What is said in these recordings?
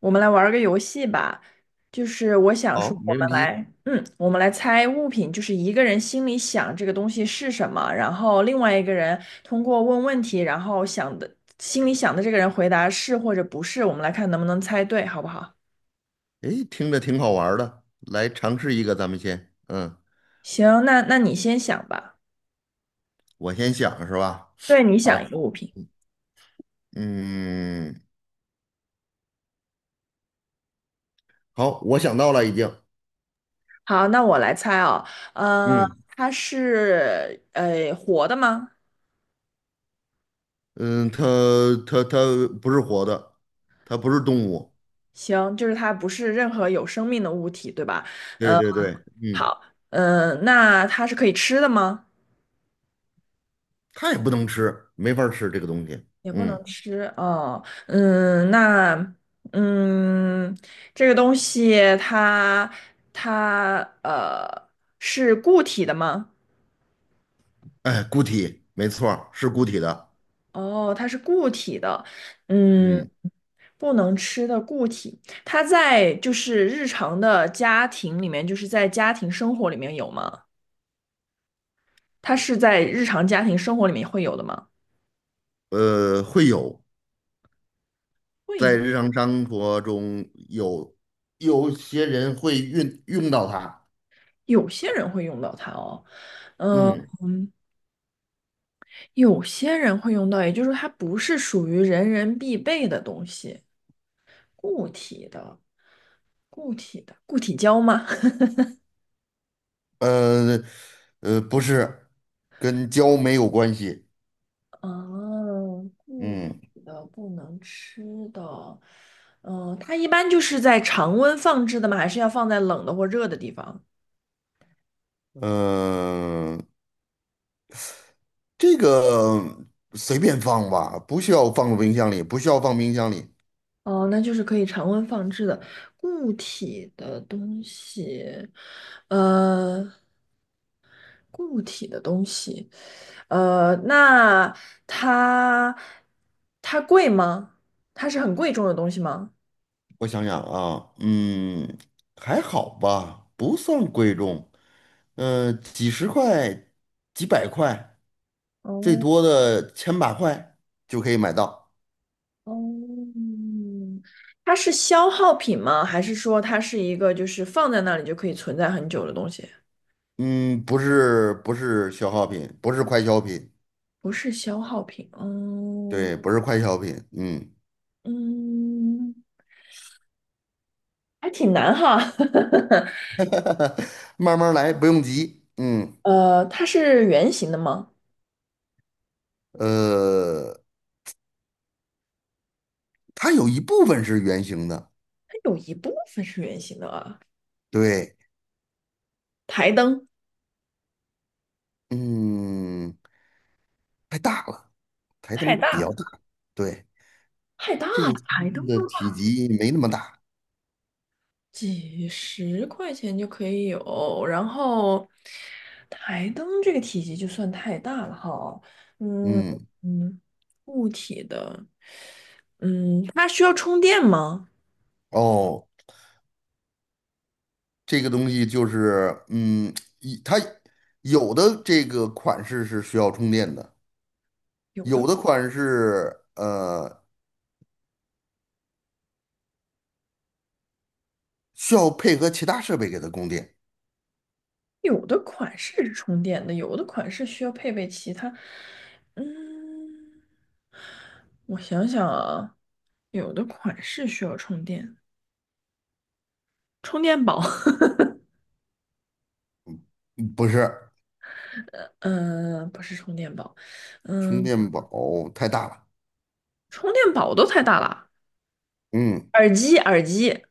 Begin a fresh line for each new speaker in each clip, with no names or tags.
我们来玩儿个游戏吧，就是我想说，
好，
我
没
们
问题。
来，我们来猜物品，就是一个人心里想这个东西是什么，然后另外一个人通过问问题，然后想的，心里想的这个人回答是或者不是，我们来看能不能猜对，好不好？
诶，听着挺好玩儿的，来尝试一个，咱们先，
行，那你先想吧。
我先想是吧？
对，你想一
好。
个物品。
嗯，好，我想到了已经。
好，那我来猜哦，呃，
嗯
它是活的吗？
嗯，它它不是活的，它不是动物。
行，就是它不是任何有生命的物体，对吧？
对
呃
对对。嗯，
好，嗯，那它是可以吃的吗？
它也不能吃，没法儿吃这个东西。
也不
嗯。
能吃哦，嗯，那嗯，这个东西它呃是固体的吗？
哎，固体，没错儿是固体的。
哦，它是固体的，嗯，
嗯，
不能吃的固体，它在就是日常的家庭里面，就是在家庭生活里面有吗？它是在日常家庭生活里面会有的吗？
会有，在
会，
日常生活中有，有些人会用到它。
有些人会用到它哦。嗯、
嗯。
有些人会用到，也就是说它不是属于人人必备的东西，固体的，固体的，固体胶吗？
呃不是，跟胶没有关系。
哦，固
嗯
体的不能吃的，嗯，它一般就是在常温放置的吗？还是要放在冷的或热的地方？
嗯、呃，这个随便放吧，不需要放冰箱里，不需要放冰箱里。
哦，那就是可以常温放置的固体的东西，呃，固体的东西。呃，那它它贵吗？它是很贵重的东西吗？
我想想啊，嗯，还好吧，不算贵重。嗯，几十块、几百块，最
哦
多的千把块就可以买到。
哦，嗯它是消耗品吗？还是说它是一个就是放在那里就可以存在很久的东西？
嗯，不是消耗品，不是快消品。
不是消耗品，嗯
对，不是快消品。嗯。
嗯，还挺难哈。
慢慢来，不用急。嗯，
它是圆形的吗？
呃，它有一部分是圆形的。
它有一部分是圆形的啊。
对。
台灯
嗯，太大了，台
太
灯
大
比较
了，
大。对，
太大
这个
了，
机
台灯
器的
都。
体积没那么大。
几十块钱就可以有，然后台灯这个体积就算太大了哈，嗯
嗯，
嗯，固体的，嗯，它需要充电吗？
哦，这个东西就是，嗯，一它有的这个款式是需要充电的，
有
有
的
的款式需要配合其他设备给它供电。
有的款式是充电的，有的款式需要配备其他，嗯，我想想啊，有的款式需要充电，充电宝，
不是，
嗯、不是充电宝，
充
嗯，
电宝太大了。
充电宝都太大了，
嗯。
耳机耳机。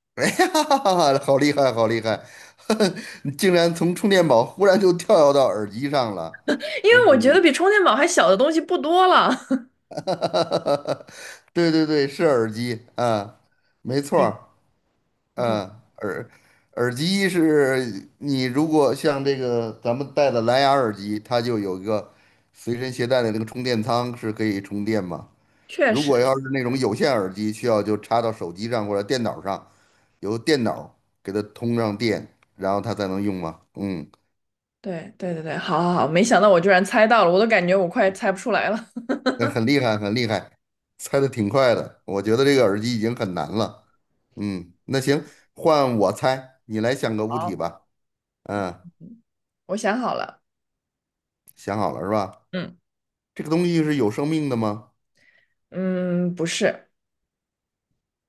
哎呀，好厉害，好厉害！你竟然从充电宝忽然就跳跃到耳机上了。
因为我觉得比充电宝还小的东西不多了。
对对对，是耳机，啊，没 错
嗯，
儿。
不错，
嗯，耳耳机是你如果像这个咱们戴的蓝牙耳机，它就有一个随身携带的那个充电仓是可以充电吗？
确
如果
实，
要是那种有线耳机，需要就插到手机上或者电脑上，由电脑给它通上电，然后它才能用吗？嗯。
对对对对，好好好，没想到我居然猜到了，我都感觉我快猜不出来了。
那很厉害，很厉害，猜的挺快的。我觉得这个耳机已经很难了。嗯，那行，换我猜，你来想个 物体
好，
吧。嗯，
嗯我想好了，
想好了是吧？
嗯
这个东西是有生命的吗？
嗯，不是，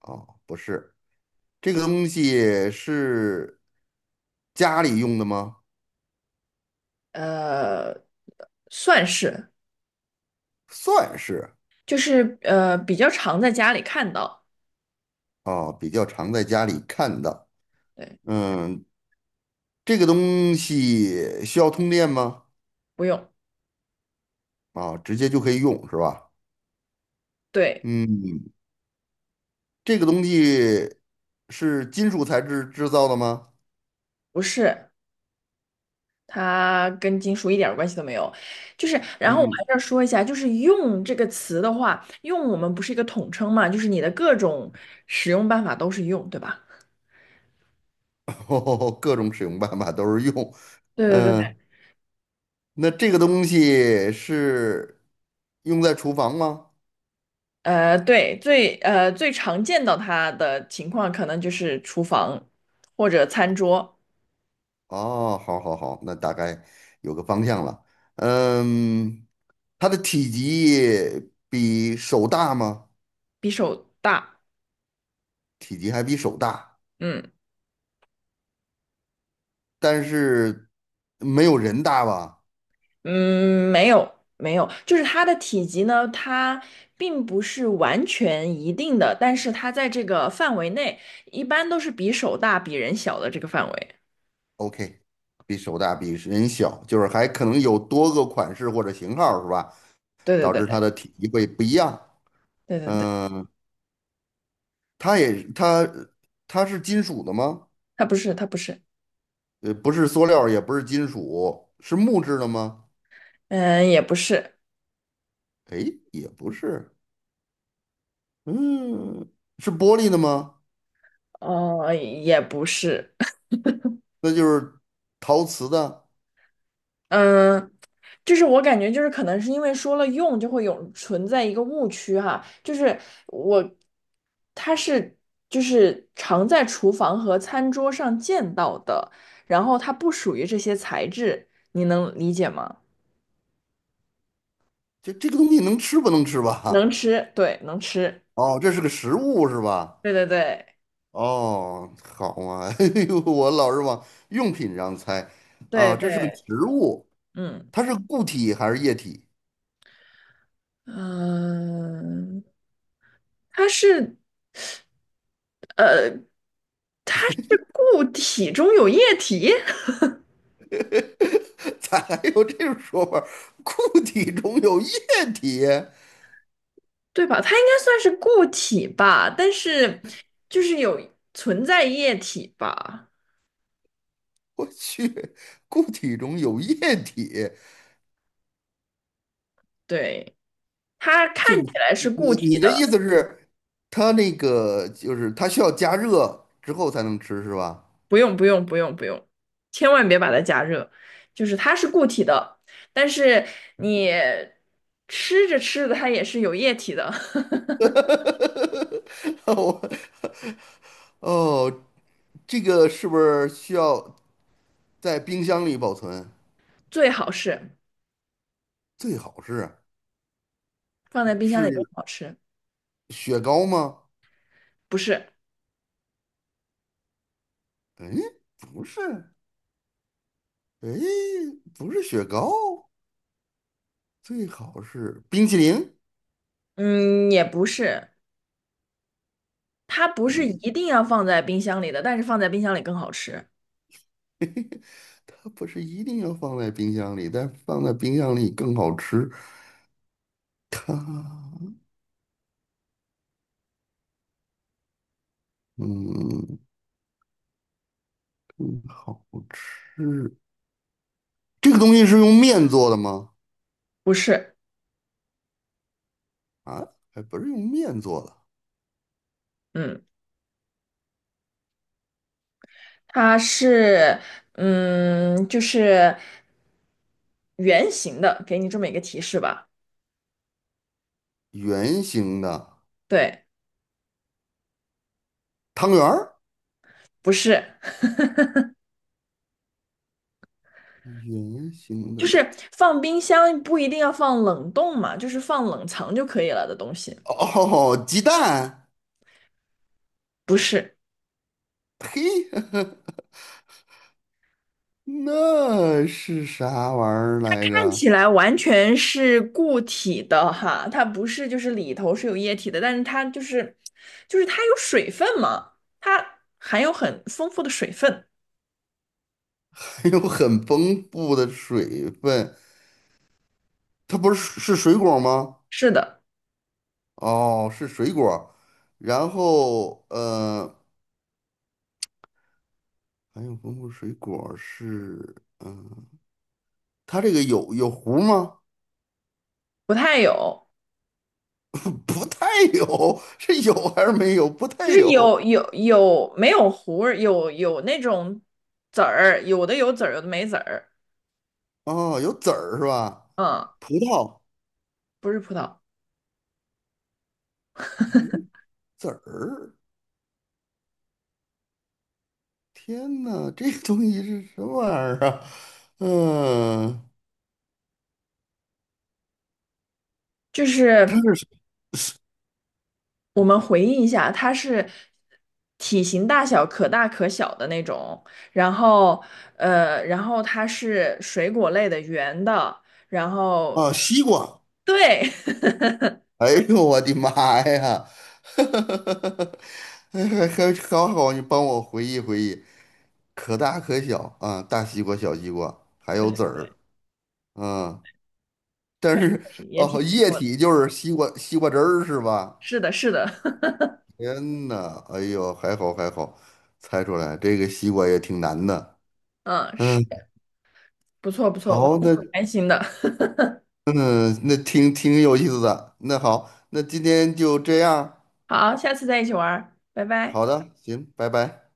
哦，不是。这个东西是家里用的吗？
呃，算是，
算是。
就是比较常在家里看到，
哦，比较常在家里看到。
对，
嗯，这个东西需要通电吗？
不用，
啊、直接就可以用是吧？
对，
嗯，这个东西是金属材质制造的吗？
不是，它跟金属一点儿关系都没有。就是，然后我
嗯。
还是要说一下，就是“用”这个词的话，“用”我们不是一个统称嘛，就是你的各种使用办法都是“用”，对吧？
哦，各种使用办法都是用。
对对对，
嗯，那这个东西是用在厨房吗？
对，最最常见到它的情况，可能就是厨房或者餐桌，
哦，好好好，那大概有个方向了。嗯，它的体积比手大吗？
比手大。
体积还比手大，
嗯。
但是没有人大吧
嗯，没有没有，就是它的体积呢，它并不是完全一定的，但是它在这个范围内，一般都是比手大、比人小的这个范围。
？OK，比手大，比人小，就是还可能有多个款式或者型号，是吧？
对
导
对
致它
对
的体积会不一样。
对对对，
嗯、它也它它是金属的吗？
它不是，它不是，
呃，不是塑料，也不是金属，是木质的吗？
嗯，也不是，
哎，也不是。嗯，是玻璃的吗？
哦，也不是，
那就是陶瓷的。
嗯，就是我感觉就是可能是因为说了用就会有存在一个误区哈，就是我它是就是常在厨房和餐桌上见到的，然后它不属于这些材质，你能理解吗？
这这个东西能吃不能吃
能
吧？
吃，对，能吃，
哦，这是个食物是吧？
对对对
哦，好嘛。哎呦，我老是往用品上猜
对
啊，这是个植
对，
物，
嗯
它是固体还是液体？
嗯，它是呃它是固体中有液体。
咋还有这种说法儿，固体中有液体。
对吧？它应该算是固体吧，但是就是有存在液体吧？
我去，固体中有液体，
对，它
就是
看起来是固
你
体
你的意
的，
思是，它那个就是它需要加热之后才能吃是吧？
不用不用不用不用，千万别把它加热，就是它是固体的，但是你吃着吃着它也是有液体的，
我哦，这个是不是需要在冰箱里保存？
最好是
最好是。
放在冰箱里更
是
好吃，
雪糕吗？
不是，
哎，不是。哎，不是雪糕。最好是冰淇淋。
嗯，也不是，它不是
嗯，
一定要放在冰箱里的，但是放在冰箱里更好吃，
它不是一定要放在冰箱里，但放在冰箱里更好吃。它，嗯，更好吃。这个东西是用面做的吗？
不是。
啊，还不是用面做的。
嗯。它是，嗯，就是圆形的，给你这么一个提示吧。
圆形的，
对，
汤圆儿，
不是，
圆形
就
的。
是放冰箱不一定要放冷冻嘛，就是放冷藏就可以了的东西。
哦，鸡蛋。
不是，
嘿。那是啥玩意儿来
看
着？
起来完全是固体的哈，它不是就是里头是有液体的，但是它就是它有水分嘛，它含有很丰富的水分。
还有很丰富的水分，它不是是水果吗？
是的，
哦，是水果儿，然后还有丰富水果儿是，它这个有，有核儿吗？
不太有。
不太有，是有还是没有？不太
就是
有。
有有没有核儿，有那种籽儿，有的有籽儿，有的没籽儿。
哦，有籽儿是吧？
嗯，
葡萄
不是葡萄，
有籽儿，天呐，这个东西是什么玩意儿啊？嗯、
就
它
是
是
我们回忆一下，它是体型大小可大可小的那种，然后呃，然后它是水果类的，圆的，然后
啊，西瓜。
对
哎呦，我的妈呀！还好好，你帮我回忆回忆。可大可小啊，大西瓜、小西瓜，还 有
对，
籽儿啊。但
可以
是
可以，也挺
哦，
不
液
错的。
体就是西瓜汁儿是吧？
是的，是的，
天呐，哎呦，还好还好，猜出来这个西瓜也挺难的。
嗯，是
嗯，
不错不错，我
好，
还挺
那，
开心的。
嗯，那挺挺有意思的。那好，那今天就这样。
好，下次再一起玩儿，拜拜。
好的，行，拜拜。